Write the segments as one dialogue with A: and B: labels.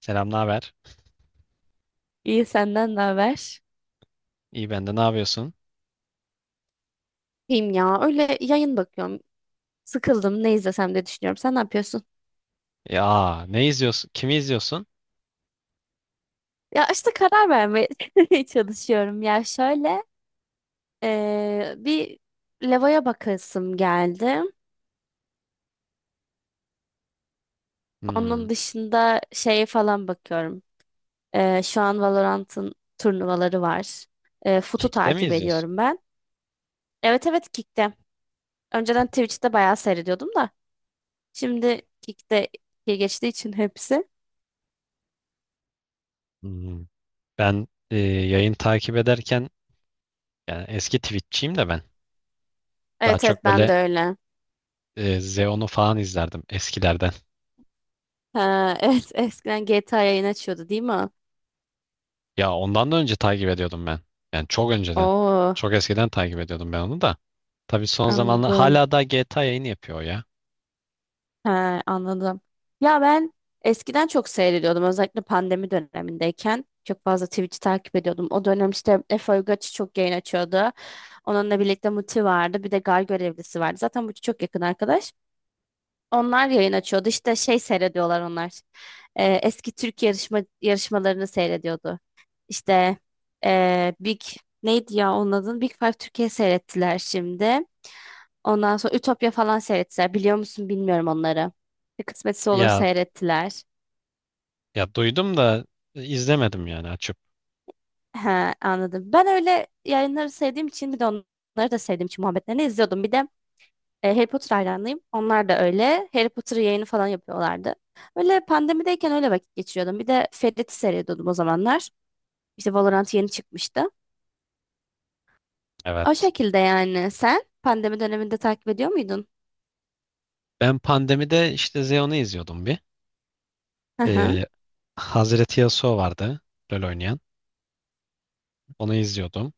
A: Selam, ne haber?
B: İyi senden ne haber?
A: İyi, ben de, ne yapıyorsun?
B: İyiyim ya. Öyle yayın bakıyorum. Sıkıldım. Ne izlesem diye düşünüyorum. Sen ne yapıyorsun?
A: Ya ne izliyorsun? Kimi izliyorsun?
B: Ya işte karar vermeye çalışıyorum. Ya şöyle bir levaya bakasım geldi. Onun
A: Hmm.
B: dışında şeye falan bakıyorum. Şu an Valorant'ın turnuvaları var. FUT'u
A: Kick'te mi
B: takip
A: izliyorsun?
B: ediyorum ben. Evet evet Kick'te. Önceden Twitch'te bayağı seyrediyordum da. Şimdi Kick'te geçtiği için hepsi.
A: Hmm. Ben yayın takip ederken, yani eski Twitch'çiyim de ben. Daha
B: Evet
A: çok
B: evet ben de
A: böyle
B: öyle.
A: Zeon'u falan izlerdim eskilerden.
B: Ha, evet eskiden GTA yayın açıyordu değil mi?
A: Ya ondan da önce takip ediyordum ben. Yani çok önceden.
B: Oo,
A: Çok eskiden takip ediyordum ben onu da. Tabii son zamanlar
B: anladım.
A: hala da GTA yayını yapıyor o ya.
B: Ha, anladım. Ya ben eskiden çok seyrediyordum özellikle pandemi dönemindeyken. Çok fazla Twitch'i takip ediyordum. O dönem işte Efe Uygaç'ı çok yayın açıyordu. Onunla birlikte Muti vardı. Bir de Gar Görevlisi vardı. Zaten Muti çok yakın arkadaş. Onlar yayın açıyordu. İşte şey seyrediyorlar onlar. Eski Türk yarışmalarını seyrediyordu. İşte Big neydi ya onun adı? Big Five Türkiye seyrettiler şimdi. Ondan sonra Ütopya falan seyrettiler. Biliyor musun bilmiyorum onları. Bir kısmetse olur
A: Ya
B: seyrettiler.
A: ya duydum da, izlemedim yani açıp.
B: He, anladım. Ben öyle yayınları sevdiğim için bir de onları da sevdiğim için muhabbetlerini izliyordum. Bir de Harry Potter hayranıyım. Onlar da öyle. Harry Potter yayını falan yapıyorlardı. Öyle pandemideyken öyle vakit geçiriyordum. Bir de Ferit'i seyrediyordum o zamanlar. İşte Valorant yeni çıkmıştı. O
A: Evet.
B: şekilde yani. Sen pandemi döneminde takip ediyor muydun?
A: Ben pandemide işte Zeon'u izliyordum bir.
B: Hı hı.
A: Ee, Hazreti Yasuo vardı, LoL oynayan. Onu izliyordum.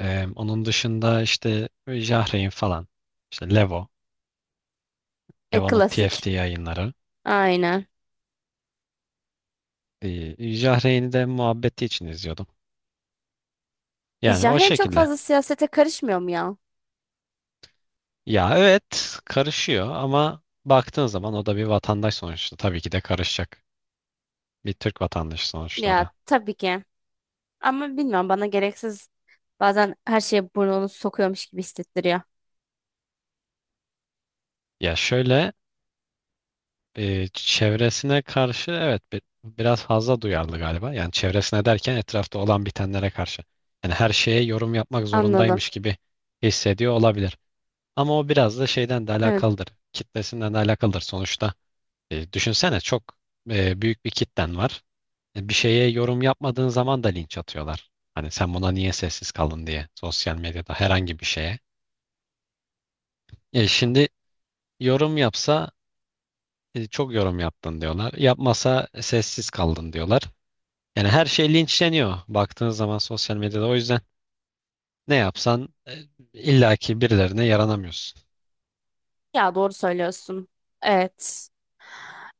A: Onun dışında işte Jahrein falan. İşte Levo.
B: E,
A: Levo'nun
B: klasik.
A: TFT yayınları.
B: Aynen.
A: Jahreyn'i de muhabbeti için izliyordum. Yani o
B: Jahren çok
A: şekilde.
B: fazla siyasete karışmıyor mu ya?
A: Ya evet, karışıyor ama baktığın zaman o da bir vatandaş sonuçta. Tabii ki de karışacak. Bir Türk vatandaşı sonuçta o
B: Ya
A: da.
B: tabii ki. Ama bilmiyorum bana gereksiz bazen her şeye burnunu sokuyormuş gibi hissettiriyor.
A: Ya şöyle, çevresine karşı evet biraz fazla duyarlı galiba. Yani çevresine derken etrafta olan bitenlere karşı. Yani her şeye yorum yapmak
B: Anladım.
A: zorundaymış gibi hissediyor olabilir. Ama o biraz da şeyden de
B: Evet.
A: alakalıdır. Kitlesinden de alakalıdır sonuçta. Düşünsene, çok büyük bir kitlen var. Bir şeye yorum yapmadığın zaman da linç atıyorlar. Hani sen buna niye sessiz kaldın diye, sosyal medyada herhangi bir şeye. Şimdi yorum yapsa, çok yorum yaptın diyorlar. Yapmasa, "E, sessiz kaldın" diyorlar. Yani her şey linçleniyor baktığın zaman sosyal medyada. O yüzden ne yapsan illaki birilerine yaranamıyorsun.
B: Ya doğru söylüyorsun. Evet.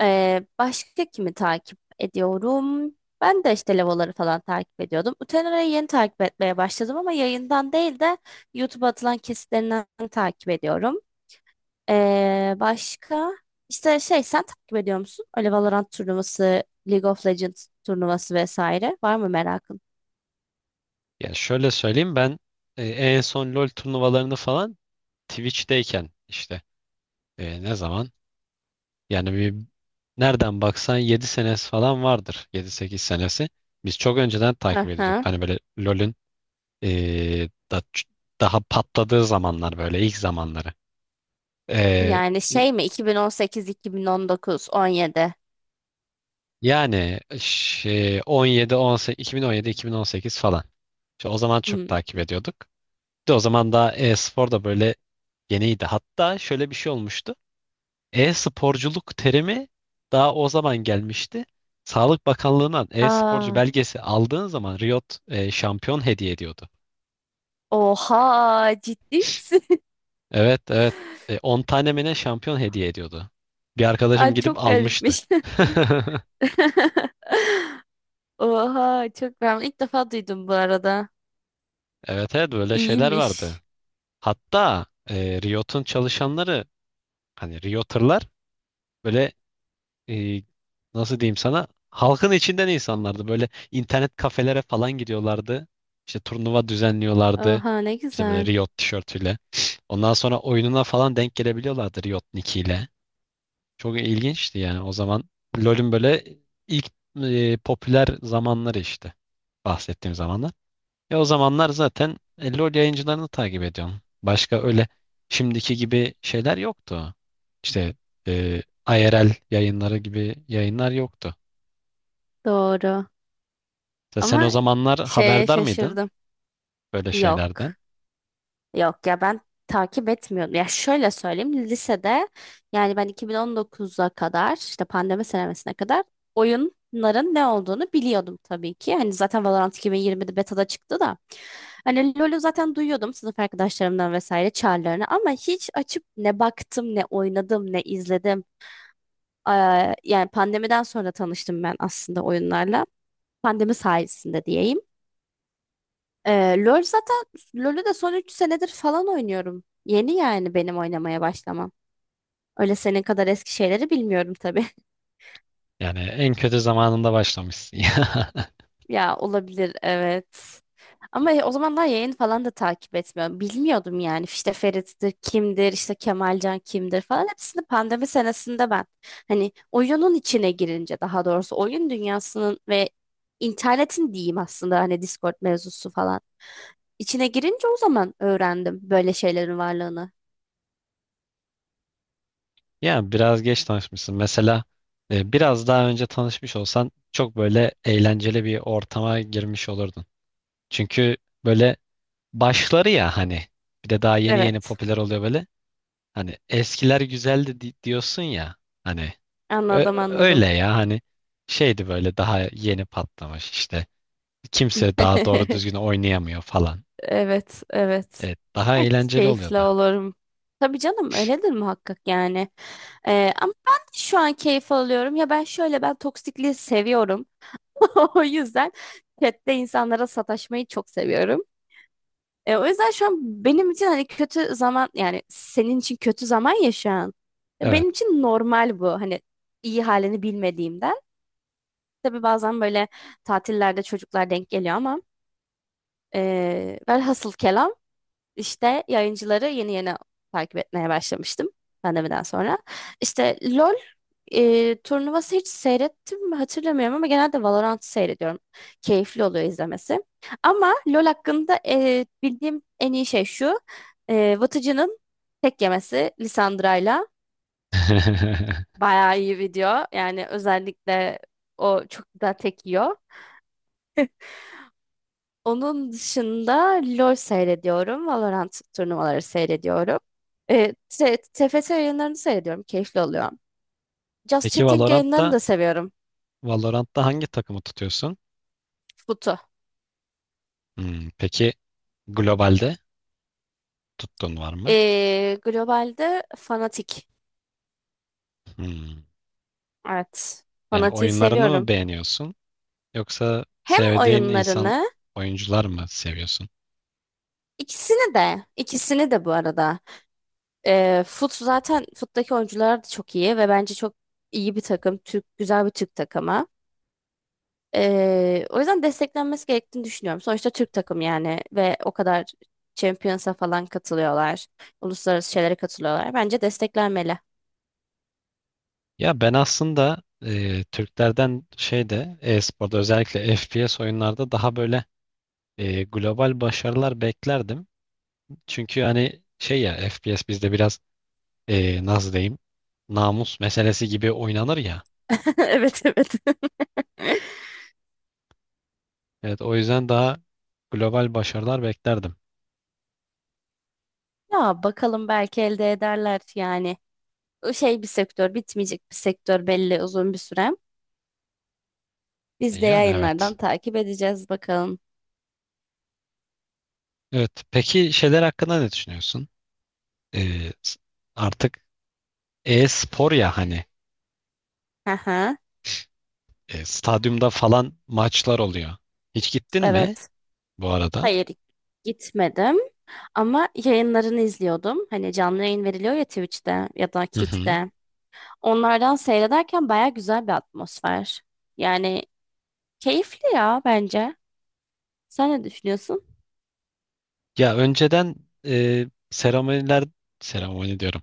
B: Başka kimi takip ediyorum? Ben de işte Levoları falan takip ediyordum. Utenera'yı yeni takip etmeye başladım ama yayından değil de YouTube'a atılan kesitlerinden takip ediyorum. Başka işte şey sen takip ediyor musun? Öyle Valorant turnuvası, League of Legends turnuvası vesaire. Var mı merakın?
A: Yani şöyle söyleyeyim, ben en son LoL turnuvalarını falan Twitch'teyken işte, ne zaman, yani bir, nereden baksan 7 senesi falan vardır, yedi sekiz senesi. Biz çok önceden
B: Hı
A: takip ediyorduk.
B: hı.
A: Hani böyle LoL'ün e, da- daha patladığı zamanlar, böyle ilk zamanları. E,
B: Yani şey mi 2018, 2019, 17.
A: Yani şey, 17 18 2017 2018 falan. İşte o zaman çok
B: Hmm.
A: takip ediyorduk. Bir de o zaman daha e-spor da böyle yeniydi. Hatta şöyle bir şey olmuştu. E-sporculuk terimi daha o zaman gelmişti. Sağlık Bakanlığı'ndan e-sporcu
B: Aa,
A: belgesi aldığın zaman Riot şampiyon hediye ediyordu.
B: oha ciddi misin?
A: Evet, evet. 10 tane mi ne şampiyon hediye ediyordu. Bir arkadaşım
B: Ay
A: gidip
B: çok
A: almıştı.
B: garipmiş. Oha çok ben ilk defa duydum bu arada.
A: Evet, evet, böyle şeyler vardı.
B: İyiymiş.
A: Hatta Riot'un çalışanları, hani Realtor'lar, böyle e, nasıl diyeyim sana, halkın içinden insanlardı. Böyle internet kafelere falan gidiyorlardı. İşte turnuva düzenliyorlardı.
B: Oha ne
A: İşte böyle
B: güzel.
A: Riot tişörtüyle. Ondan sonra oyununa falan denk gelebiliyorlardı Riot nickiyle. Çok ilginçti yani o zaman. LoL'ün böyle ilk popüler zamanları işte. Bahsettiğim zamanlar. Ya o zamanlar zaten LoL yayıncılarını takip ediyorum. Başka öyle şimdiki gibi şeyler yoktu. İşte e, IRL yayınları gibi yayınlar yoktu.
B: Doğru.
A: Sen o
B: Ama
A: zamanlar
B: şeye
A: haberdar mıydın
B: şaşırdım.
A: böyle şeylerden?
B: Yok. Yok ya ben takip etmiyordum. Ya şöyle söyleyeyim lisede yani ben 2019'a kadar işte pandemi senemesine kadar oyunların ne olduğunu biliyordum tabii ki. Hani zaten Valorant 2020'de beta'da çıktı da. Hani LoL'ü zaten duyuyordum sınıf arkadaşlarımdan vesaire çağrılarını ama hiç açıp ne baktım ne oynadım ne izledim. Yani pandemiden sonra tanıştım ben aslında oyunlarla. Pandemi sayesinde diyeyim. Eee, LoL zaten LoL'ü de son 3 senedir falan oynuyorum. Yeni yani benim oynamaya başlamam. Öyle senin kadar eski şeyleri bilmiyorum tabii.
A: Yani en kötü zamanında başlamışsın.
B: Ya olabilir evet. Ama o zamanlar yayın falan da takip etmiyorum. Bilmiyordum yani işte Ferit'tir, kimdir, işte Kemalcan kimdir falan. Hepsini pandemi senesinde ben hani oyunun içine girince daha doğrusu oyun dünyasının ve internetin diyeyim aslında hani Discord mevzusu falan. İçine girince o zaman öğrendim böyle şeylerin varlığını.
A: Ya ya biraz geç tanışmışsın. Mesela biraz daha önce tanışmış olsan çok böyle eğlenceli bir ortama girmiş olurdun. Çünkü böyle başları, ya hani bir de daha yeni yeni
B: Evet.
A: popüler oluyor böyle. Hani eskiler güzeldi diyorsun ya hani,
B: Anladım anladım.
A: öyle ya hani, şeydi böyle, daha yeni patlamış işte, kimse daha doğru düzgün oynayamıyor falan.
B: Evet, evet.
A: Evet, daha
B: E,
A: eğlenceli
B: keyifle
A: oluyordu.
B: olurum. Tabii canım öyledir muhakkak yani. Ama ben de şu an keyif alıyorum. Ya ben şöyle ben toksikliği seviyorum. O yüzden chatte insanlara sataşmayı çok seviyorum. O yüzden şu an benim için hani kötü zaman yani senin için kötü zaman ya şu an.
A: Evet.
B: Benim için normal bu hani iyi halini bilmediğimden. Tabii bazen böyle tatillerde çocuklar denk geliyor ama velhasıl kelam. İşte yayıncıları yeni yeni takip etmeye başlamıştım pandemiden sonra. İşte LOL turnuvası hiç seyrettim mi hatırlamıyorum ama genelde Valorant seyrediyorum. Keyifli oluyor izlemesi. Ama LOL hakkında bildiğim en iyi şey şu. Vıtıcı'nın tek yemesi Lissandra'yla bayağı iyi video. Yani özellikle o çok güzel tek yiyor. Onun dışında LoL seyrediyorum. Valorant turnuvaları seyrediyorum. TFT yayınlarını seyrediyorum. Keyifli oluyor. Just
A: Peki
B: Chatting yayınlarını
A: Valorant'ta,
B: da seviyorum.
A: Valorant'ta hangi takımı tutuyorsun?
B: Futu.
A: Hmm, peki globalde tuttuğun var mı?
B: Globalde Fnatic.
A: Hmm.
B: Evet.
A: Yani
B: Fnatic'i
A: oyunlarını mı
B: seviyorum.
A: beğeniyorsun, yoksa
B: Hem
A: sevdiğin
B: oyunlarını
A: oyuncular mı seviyorsun?
B: ikisini de ikisini de bu arada. Fut'taki oyuncular da çok iyi ve bence çok iyi bir takım. Türk, güzel bir Türk takımı. O yüzden desteklenmesi gerektiğini düşünüyorum. Sonuçta Türk takım yani ve o kadar Champions'a falan katılıyorlar. Uluslararası şeylere katılıyorlar. Bence desteklenmeli.
A: Ya ben aslında Türklerden şeyde, e-sporda özellikle FPS oyunlarda daha böyle global başarılar beklerdim. Çünkü hani şey ya, FPS bizde biraz nasıl diyeyim, namus meselesi gibi oynanır ya.
B: Evet evet.
A: Evet, o yüzden daha global başarılar beklerdim.
B: Ya bakalım belki elde ederler yani. O şey bir sektör, bitmeyecek bir sektör belli uzun bir süre. Biz de
A: Yani evet.
B: yayınlardan takip edeceğiz bakalım.
A: Evet, peki şeyler hakkında ne düşünüyorsun? E, s- artık e-spor ya hani,
B: Aha,
A: stadyumda falan maçlar oluyor. Hiç gittin mi
B: evet.
A: bu arada?
B: Hayır gitmedim ama yayınlarını izliyordum. Hani canlı yayın veriliyor ya Twitch'te ya da
A: Hı hı.
B: Kick'te. Onlardan seyrederken baya güzel bir atmosfer. Yani keyifli ya bence. Sen ne düşünüyorsun?
A: Ya önceden seremoniler, seremoni diyorum.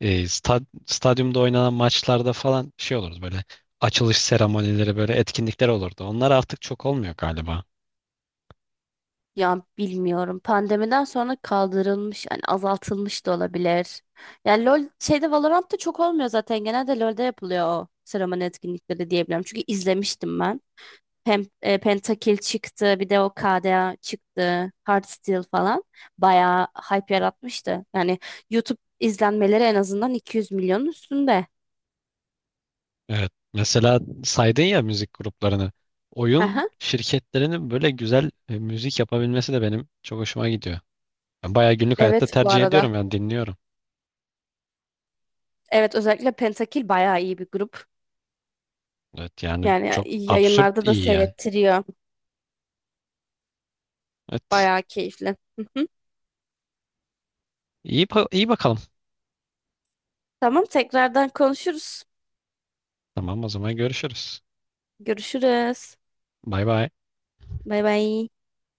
A: Stadyumda oynanan maçlarda falan şey olurdu, böyle açılış seremonileri, böyle etkinlikler olurdu. Onlar artık çok olmuyor galiba.
B: Ya bilmiyorum. Pandemiden sonra kaldırılmış, yani azaltılmış da olabilir. Yani LoL şeyde Valorant'ta çok olmuyor zaten. Genelde LoL'de yapılıyor o seremoni etkinlikleri diyebilirim. Çünkü izlemiştim ben. Pentakill çıktı, bir de o KDA çıktı, Hearthstone falan. Bayağı hype yaratmıştı. Yani YouTube izlenmeleri en azından 200 milyonun üstünde.
A: Evet. Mesela saydın ya müzik gruplarını. Oyun şirketlerinin böyle güzel müzik yapabilmesi de benim çok hoşuma gidiyor. Ben bayağı günlük hayatta
B: Evet bu
A: tercih ediyorum,
B: arada.
A: yani dinliyorum.
B: Evet özellikle Pentakil bayağı iyi bir grup.
A: Evet, yani
B: Yani
A: çok absürt
B: yayınlarda da
A: iyi yani.
B: seyrettiriyor.
A: Evet.
B: Bayağı keyifli. Hı hı.
A: İyi, iyi bakalım.
B: Tamam tekrardan konuşuruz.
A: Tamam, o zaman görüşürüz.
B: Görüşürüz.
A: Bay bay.
B: Bay bay.